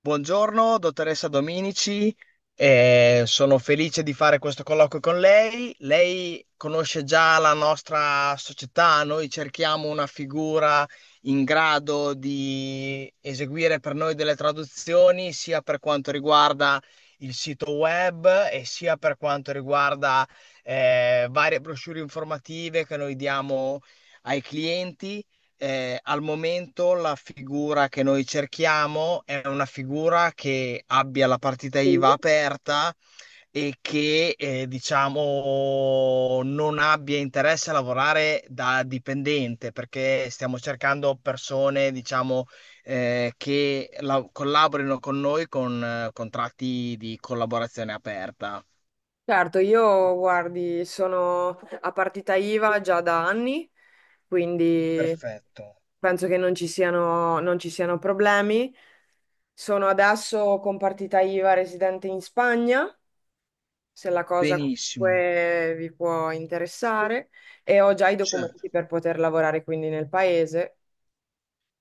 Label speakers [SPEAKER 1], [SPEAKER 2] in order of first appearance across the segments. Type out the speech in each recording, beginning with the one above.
[SPEAKER 1] Buongiorno, dottoressa Dominici, sono felice di fare questo colloquio con lei. Lei conosce già la nostra società, noi cerchiamo una figura in grado di eseguire per noi delle traduzioni, sia per quanto riguarda il sito web e sia per quanto riguarda varie brochure informative che noi diamo ai clienti. Al momento la figura che noi cerchiamo è una figura che abbia la partita
[SPEAKER 2] Sì.
[SPEAKER 1] IVA aperta e che diciamo non abbia interesse a lavorare da dipendente, perché stiamo cercando persone, diciamo, che collaborino con noi con contratti di collaborazione aperta.
[SPEAKER 2] Certo, io guardi, sono a partita IVA già da anni, quindi
[SPEAKER 1] Perfetto,
[SPEAKER 2] penso che non ci siano problemi. Sono adesso con partita IVA residente in Spagna, se la cosa
[SPEAKER 1] benissimo.
[SPEAKER 2] comunque vi può interessare, e ho già i
[SPEAKER 1] Certo.
[SPEAKER 2] documenti per poter lavorare quindi nel paese.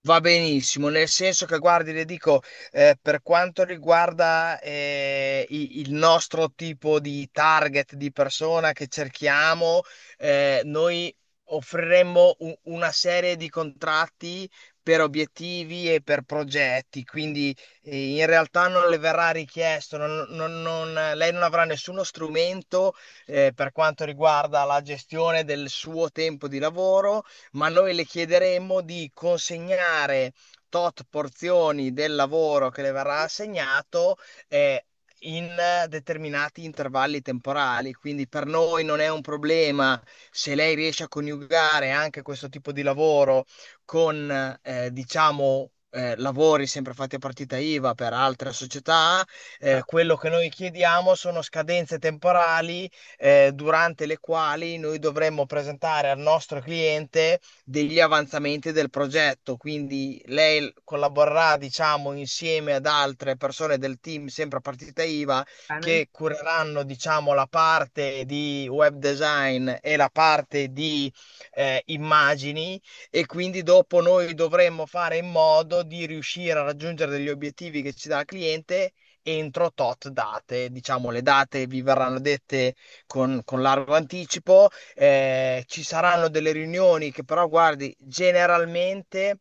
[SPEAKER 1] Va benissimo, nel senso che guardi, le dico, per quanto riguarda il nostro tipo di target di persona che cerchiamo, noi offriremmo una serie di contratti per obiettivi e per progetti, quindi in realtà non le verrà richiesto, lei non avrà nessuno strumento per quanto riguarda la gestione del suo tempo di lavoro, ma noi le chiederemmo di consegnare tot porzioni del lavoro che le verrà assegnato eh, in determinati intervalli temporali. Quindi per noi non è un problema se lei riesce a coniugare anche questo tipo di lavoro con, diciamo, lavori sempre fatti a partita IVA per altre società.
[SPEAKER 2] Va
[SPEAKER 1] Quello che noi chiediamo sono scadenze temporali durante le quali noi dovremmo presentare al nostro cliente degli avanzamenti del progetto. Quindi lei collaborerà, diciamo, insieme ad altre persone del team, sempre a partita IVA,
[SPEAKER 2] bene.
[SPEAKER 1] che cureranno, diciamo, la parte di web design e la parte di immagini, e quindi dopo noi dovremmo fare in modo di riuscire a raggiungere degli obiettivi che ci dà il cliente entro tot date. Diciamo, le date vi verranno dette con largo anticipo. Ci saranno delle riunioni che però, guardi, generalmente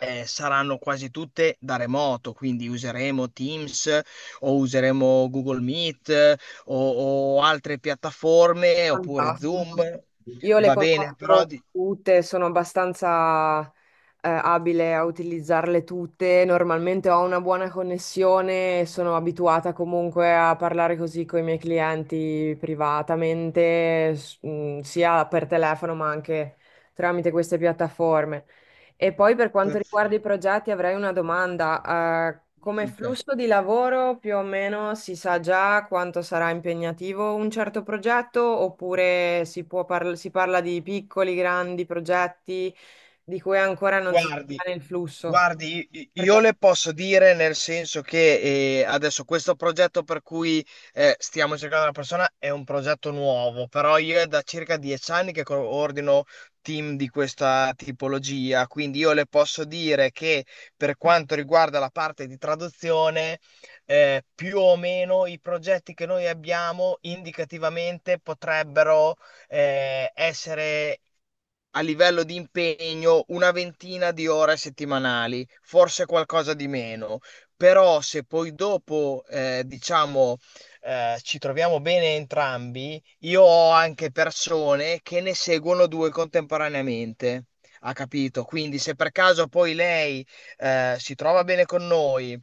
[SPEAKER 1] saranno quasi tutte da remoto, quindi useremo Teams o useremo Google Meet, o altre piattaforme oppure Zoom.
[SPEAKER 2] Fantastico. Io le
[SPEAKER 1] Va bene, però
[SPEAKER 2] conosco tutte, sono abbastanza abile a utilizzarle tutte. Normalmente ho una buona connessione, e sono abituata comunque a parlare così con i miei clienti privatamente, sia per telefono ma anche tramite queste piattaforme. E poi per quanto
[SPEAKER 1] per-
[SPEAKER 2] riguarda i progetti avrei una domanda.
[SPEAKER 1] mi
[SPEAKER 2] Come
[SPEAKER 1] dica.
[SPEAKER 2] flusso di lavoro più o meno si sa già quanto sarà impegnativo un certo progetto oppure si parla di piccoli, grandi progetti di cui ancora non si
[SPEAKER 1] Guardi,
[SPEAKER 2] sa il flusso?
[SPEAKER 1] Guardi, i-
[SPEAKER 2] Perché
[SPEAKER 1] io le posso dire nel senso che adesso questo progetto per cui stiamo cercando una persona è un progetto nuovo, però io è da circa 10 anni che coordino team di questa tipologia, quindi io le posso dire che per quanto riguarda la parte di traduzione, più o meno i progetti che noi abbiamo indicativamente potrebbero essere a livello di impegno una ventina di ore settimanali, forse qualcosa di meno, però se poi dopo, diciamo, ci troviamo bene entrambi, io ho anche persone che ne seguono due contemporaneamente. Ha capito? Quindi se per caso poi lei si trova bene con noi,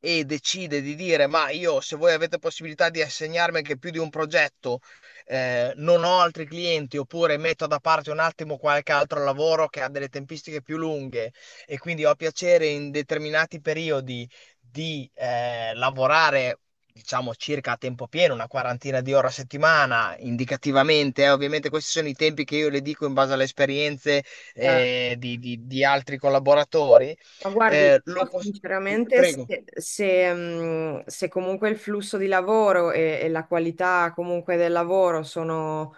[SPEAKER 1] e decide di dire: "Ma io, se voi avete possibilità di assegnarmi anche più di un progetto, non ho altri clienti, oppure metto da parte un attimo qualche altro lavoro che ha delle tempistiche più lunghe, e quindi ho piacere in determinati periodi di lavorare. Diciamo circa a tempo pieno, una quarantina di ore a settimana, indicativamente." Ovviamente questi sono i tempi che io le dico in base alle esperienze
[SPEAKER 2] eh,
[SPEAKER 1] di, di altri collaboratori.
[SPEAKER 2] Ma guardi,
[SPEAKER 1] Eh, lo
[SPEAKER 2] io
[SPEAKER 1] pos-
[SPEAKER 2] sinceramente, se,
[SPEAKER 1] Prego.
[SPEAKER 2] se, mh, se comunque il flusso di lavoro e la qualità comunque del lavoro sono,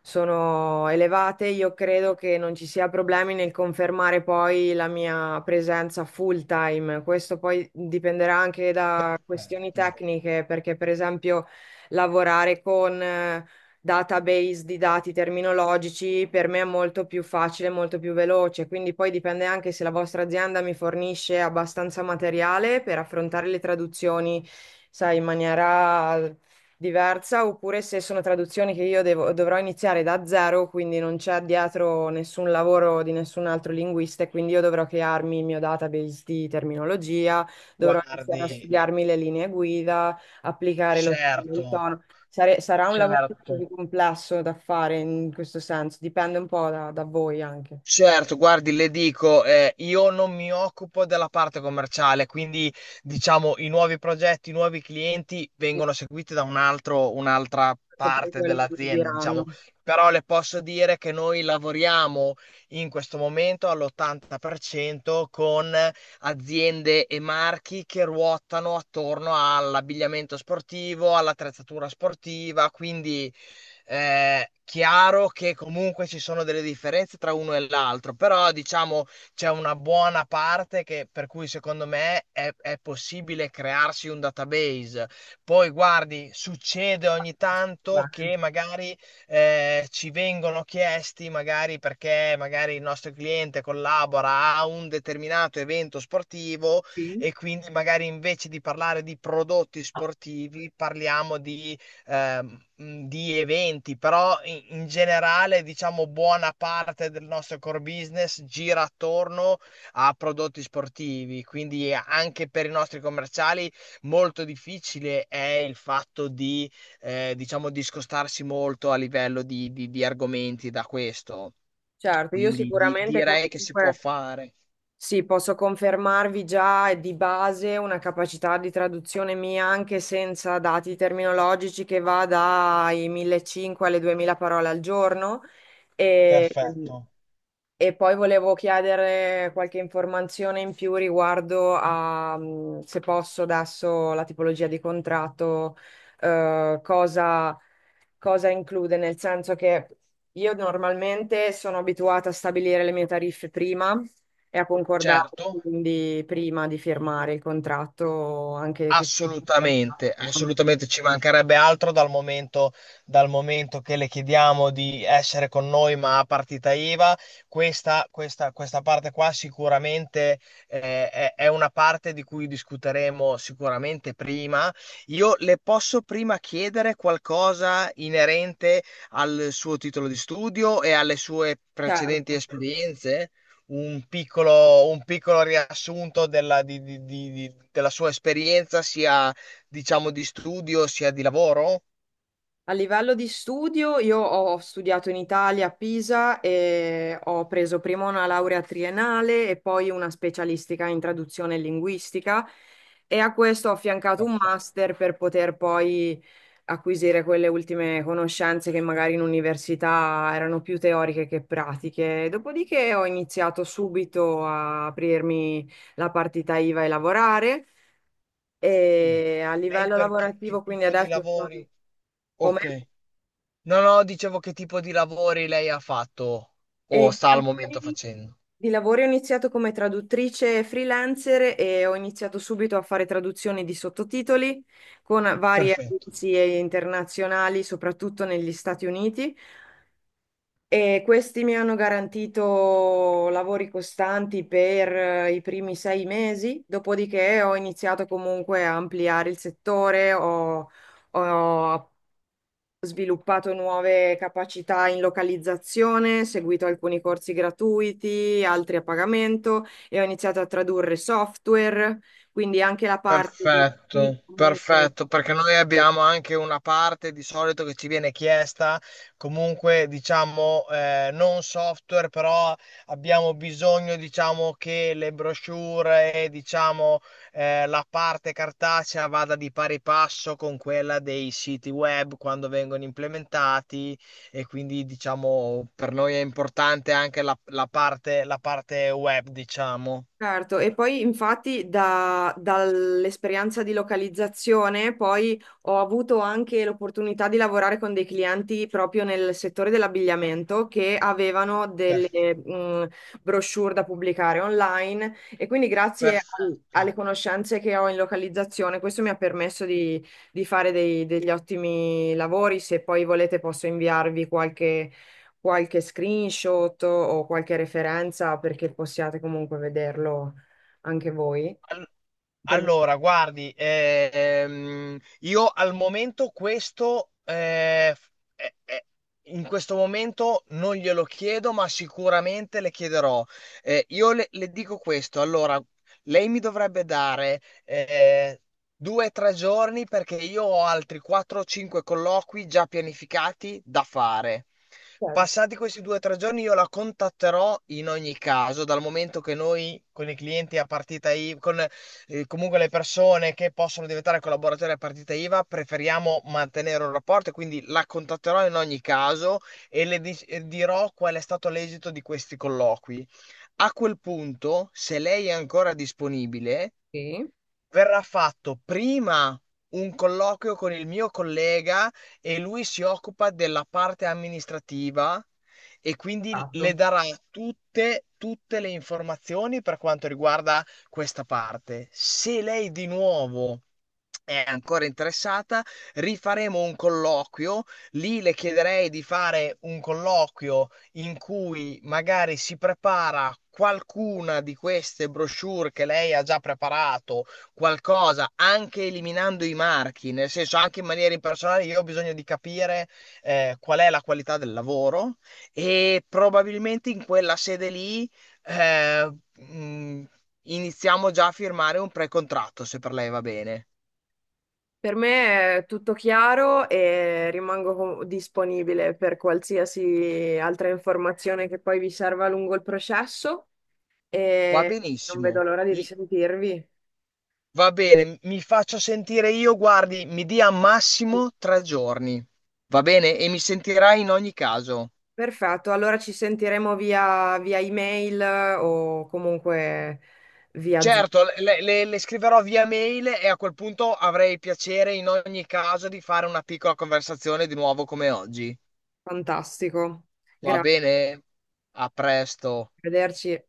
[SPEAKER 2] sono elevate, io credo che non ci sia problemi nel confermare poi la mia presenza full time. Questo poi dipenderà anche da questioni
[SPEAKER 1] Eh,
[SPEAKER 2] tecniche, perché per esempio lavorare con... database di dati terminologici, per me è molto più facile, molto più veloce. Quindi poi dipende anche se la vostra azienda mi fornisce abbastanza materiale per affrontare le traduzioni, sai, in maniera diversa, oppure se sono traduzioni che dovrò iniziare da zero, quindi non c'è dietro nessun lavoro di nessun altro linguista, e quindi io dovrò crearmi il mio database di terminologia, dovrò iniziare a
[SPEAKER 1] Guardi,
[SPEAKER 2] studiarmi le linee guida, applicare lo stile, il
[SPEAKER 1] certo,
[SPEAKER 2] tono. Sarà un lavoro più
[SPEAKER 1] certo.
[SPEAKER 2] complesso da fare in questo senso, dipende un po' da voi anche.
[SPEAKER 1] Certo, guardi, le dico, io non mi occupo della parte commerciale, quindi diciamo i nuovi progetti, i nuovi clienti vengono seguiti da un altro, un'altra
[SPEAKER 2] Certo, poi
[SPEAKER 1] parte
[SPEAKER 2] quello che vi
[SPEAKER 1] dell'azienda,
[SPEAKER 2] diranno.
[SPEAKER 1] diciamo. Però le posso dire che noi lavoriamo in questo momento all'80% con aziende e marchi che ruotano attorno all'abbigliamento sportivo, all'attrezzatura sportiva, quindi chiaro che comunque ci sono delle differenze tra uno e l'altro, però diciamo c'è una buona parte che, per cui secondo me è possibile crearsi un database. Poi guardi, succede ogni tanto che
[SPEAKER 2] Bene.
[SPEAKER 1] magari ci vengono chiesti, magari perché magari il nostro cliente collabora a un determinato evento sportivo e quindi magari invece di parlare di prodotti sportivi parliamo di eventi, però in, in generale, diciamo, buona parte del nostro core business gira attorno a prodotti sportivi, quindi anche per i nostri commerciali molto difficile è il fatto di, diciamo, discostarsi molto a livello di, di argomenti da questo.
[SPEAKER 2] Certo, io
[SPEAKER 1] Quindi
[SPEAKER 2] sicuramente
[SPEAKER 1] direi che si può
[SPEAKER 2] comunque
[SPEAKER 1] fare.
[SPEAKER 2] sì, posso confermarvi già di base una capacità di traduzione mia anche senza dati terminologici che va dai 1500 alle 2000 parole al giorno. E,
[SPEAKER 1] Perfetto.
[SPEAKER 2] E poi volevo chiedere qualche informazione in più riguardo a, se posso adesso, la tipologia di contratto, eh, cosa, cosa include, nel senso che io normalmente sono abituata a stabilire le mie tariffe prima e a concordarle,
[SPEAKER 1] Certo.
[SPEAKER 2] quindi prima di firmare il contratto, anche che.
[SPEAKER 1] Assolutamente, assolutamente ci mancherebbe altro dal momento che le chiediamo di essere con noi ma a partita IVA, questa parte qua sicuramente è una parte di cui discuteremo sicuramente prima. Io le posso prima chiedere qualcosa inerente al suo titolo di studio e alle sue precedenti
[SPEAKER 2] Certo.
[SPEAKER 1] esperienze? Un piccolo, un piccolo riassunto della, della sua esperienza, sia diciamo di studio, sia di lavoro?
[SPEAKER 2] A livello di studio, io ho studiato in Italia a Pisa e ho preso prima una laurea triennale e poi una specialistica in traduzione e linguistica e a questo ho affiancato un
[SPEAKER 1] Perfetto.
[SPEAKER 2] master per poter poi acquisire quelle ultime conoscenze che magari in università erano più teoriche che pratiche. Dopodiché ho iniziato subito a aprirmi la partita IVA e lavorare
[SPEAKER 1] Sì.
[SPEAKER 2] e a
[SPEAKER 1] Lei
[SPEAKER 2] livello
[SPEAKER 1] per che
[SPEAKER 2] lavorativo, quindi
[SPEAKER 1] tipo di
[SPEAKER 2] adesso sono.
[SPEAKER 1] lavori?
[SPEAKER 2] Come?
[SPEAKER 1] Ok. No, no, dicevo che tipo di lavori lei ha fatto
[SPEAKER 2] E
[SPEAKER 1] o
[SPEAKER 2] di
[SPEAKER 1] sta al momento
[SPEAKER 2] lavori,
[SPEAKER 1] facendo.
[SPEAKER 2] di lavori ho iniziato come traduttrice freelancer e ho iniziato subito a fare traduzioni di sottotitoli con varie
[SPEAKER 1] Perfetto.
[SPEAKER 2] agenzie internazionali, soprattutto negli Stati Uniti. E questi mi hanno garantito lavori costanti per i primi 6 mesi, dopodiché ho iniziato comunque a ampliare il settore, ho sviluppato nuove capacità in localizzazione, seguito alcuni corsi gratuiti, altri a pagamento e ho iniziato a tradurre software, quindi anche la parte di chi
[SPEAKER 1] Perfetto,
[SPEAKER 2] comunque.
[SPEAKER 1] perfetto, perché noi abbiamo anche una parte di solito che ci viene chiesta, comunque diciamo non software, però abbiamo bisogno diciamo che le brochure e diciamo la parte cartacea vada di pari passo con quella dei siti web quando vengono implementati, e quindi diciamo per noi è importante anche la, la parte web, diciamo.
[SPEAKER 2] Certo, e poi infatti dall'esperienza di localizzazione poi ho avuto anche l'opportunità di lavorare con dei clienti proprio nel settore dell'abbigliamento che avevano delle
[SPEAKER 1] Per-
[SPEAKER 2] mh, brochure da pubblicare online e quindi grazie
[SPEAKER 1] perfetto.
[SPEAKER 2] alle conoscenze che ho in localizzazione questo mi ha permesso di fare degli ottimi lavori. Se poi volete posso inviarvi qualche screenshot o qualche referenza perché possiate comunque vederlo anche voi. Per me,
[SPEAKER 1] Allora, guardi, io al momento questo, eh, eh, in questo momento non glielo chiedo, ma sicuramente le chiederò. Io le dico questo, allora, lei mi dovrebbe dare due o tre giorni perché io ho altri 4-5 colloqui già pianificati da fare.
[SPEAKER 2] chiaro.
[SPEAKER 1] Passati questi due o tre giorni io la contatterò in ogni caso, dal momento che noi con i clienti a partita IVA, comunque le persone che possono diventare collaboratori a partita IVA, preferiamo mantenere un rapporto, e quindi la contatterò in ogni caso e e dirò qual è stato l'esito di questi colloqui. A quel punto, se lei è ancora disponibile,
[SPEAKER 2] Sì,
[SPEAKER 1] verrà fatto prima un colloquio con il mio collega e lui si occupa della parte amministrativa e quindi le
[SPEAKER 2] esatto.
[SPEAKER 1] darà tutte, tutte le informazioni per quanto riguarda questa parte. Se lei di nuovo è ancora interessata, rifaremo un colloquio. Lì le chiederei di fare un colloquio in cui magari si prepara qualcuna di queste brochure che lei ha già preparato qualcosa, anche eliminando i marchi, nel senso anche in maniera impersonale, io ho bisogno di capire qual è la qualità del lavoro, e probabilmente in quella sede lì eh, mh, iniziamo già a firmare un pre-contratto, se per lei va bene.
[SPEAKER 2] Per me è tutto chiaro e rimango disponibile per qualsiasi altra informazione che poi vi serva lungo il processo
[SPEAKER 1] Va
[SPEAKER 2] e non vedo
[SPEAKER 1] benissimo.
[SPEAKER 2] l'ora di risentirvi.
[SPEAKER 1] Va bene, mi faccio sentire io, guardi, mi dia massimo tre giorni. Va bene? E mi sentirai in ogni caso.
[SPEAKER 2] Perfetto, allora ci sentiremo via email o comunque via Zoom.
[SPEAKER 1] Certo, le, le scriverò via mail e a quel punto avrei piacere in ogni caso di fare una piccola conversazione di nuovo come oggi.
[SPEAKER 2] Fantastico.
[SPEAKER 1] Va
[SPEAKER 2] Grazie,
[SPEAKER 1] bene? A presto.
[SPEAKER 2] arrivederci.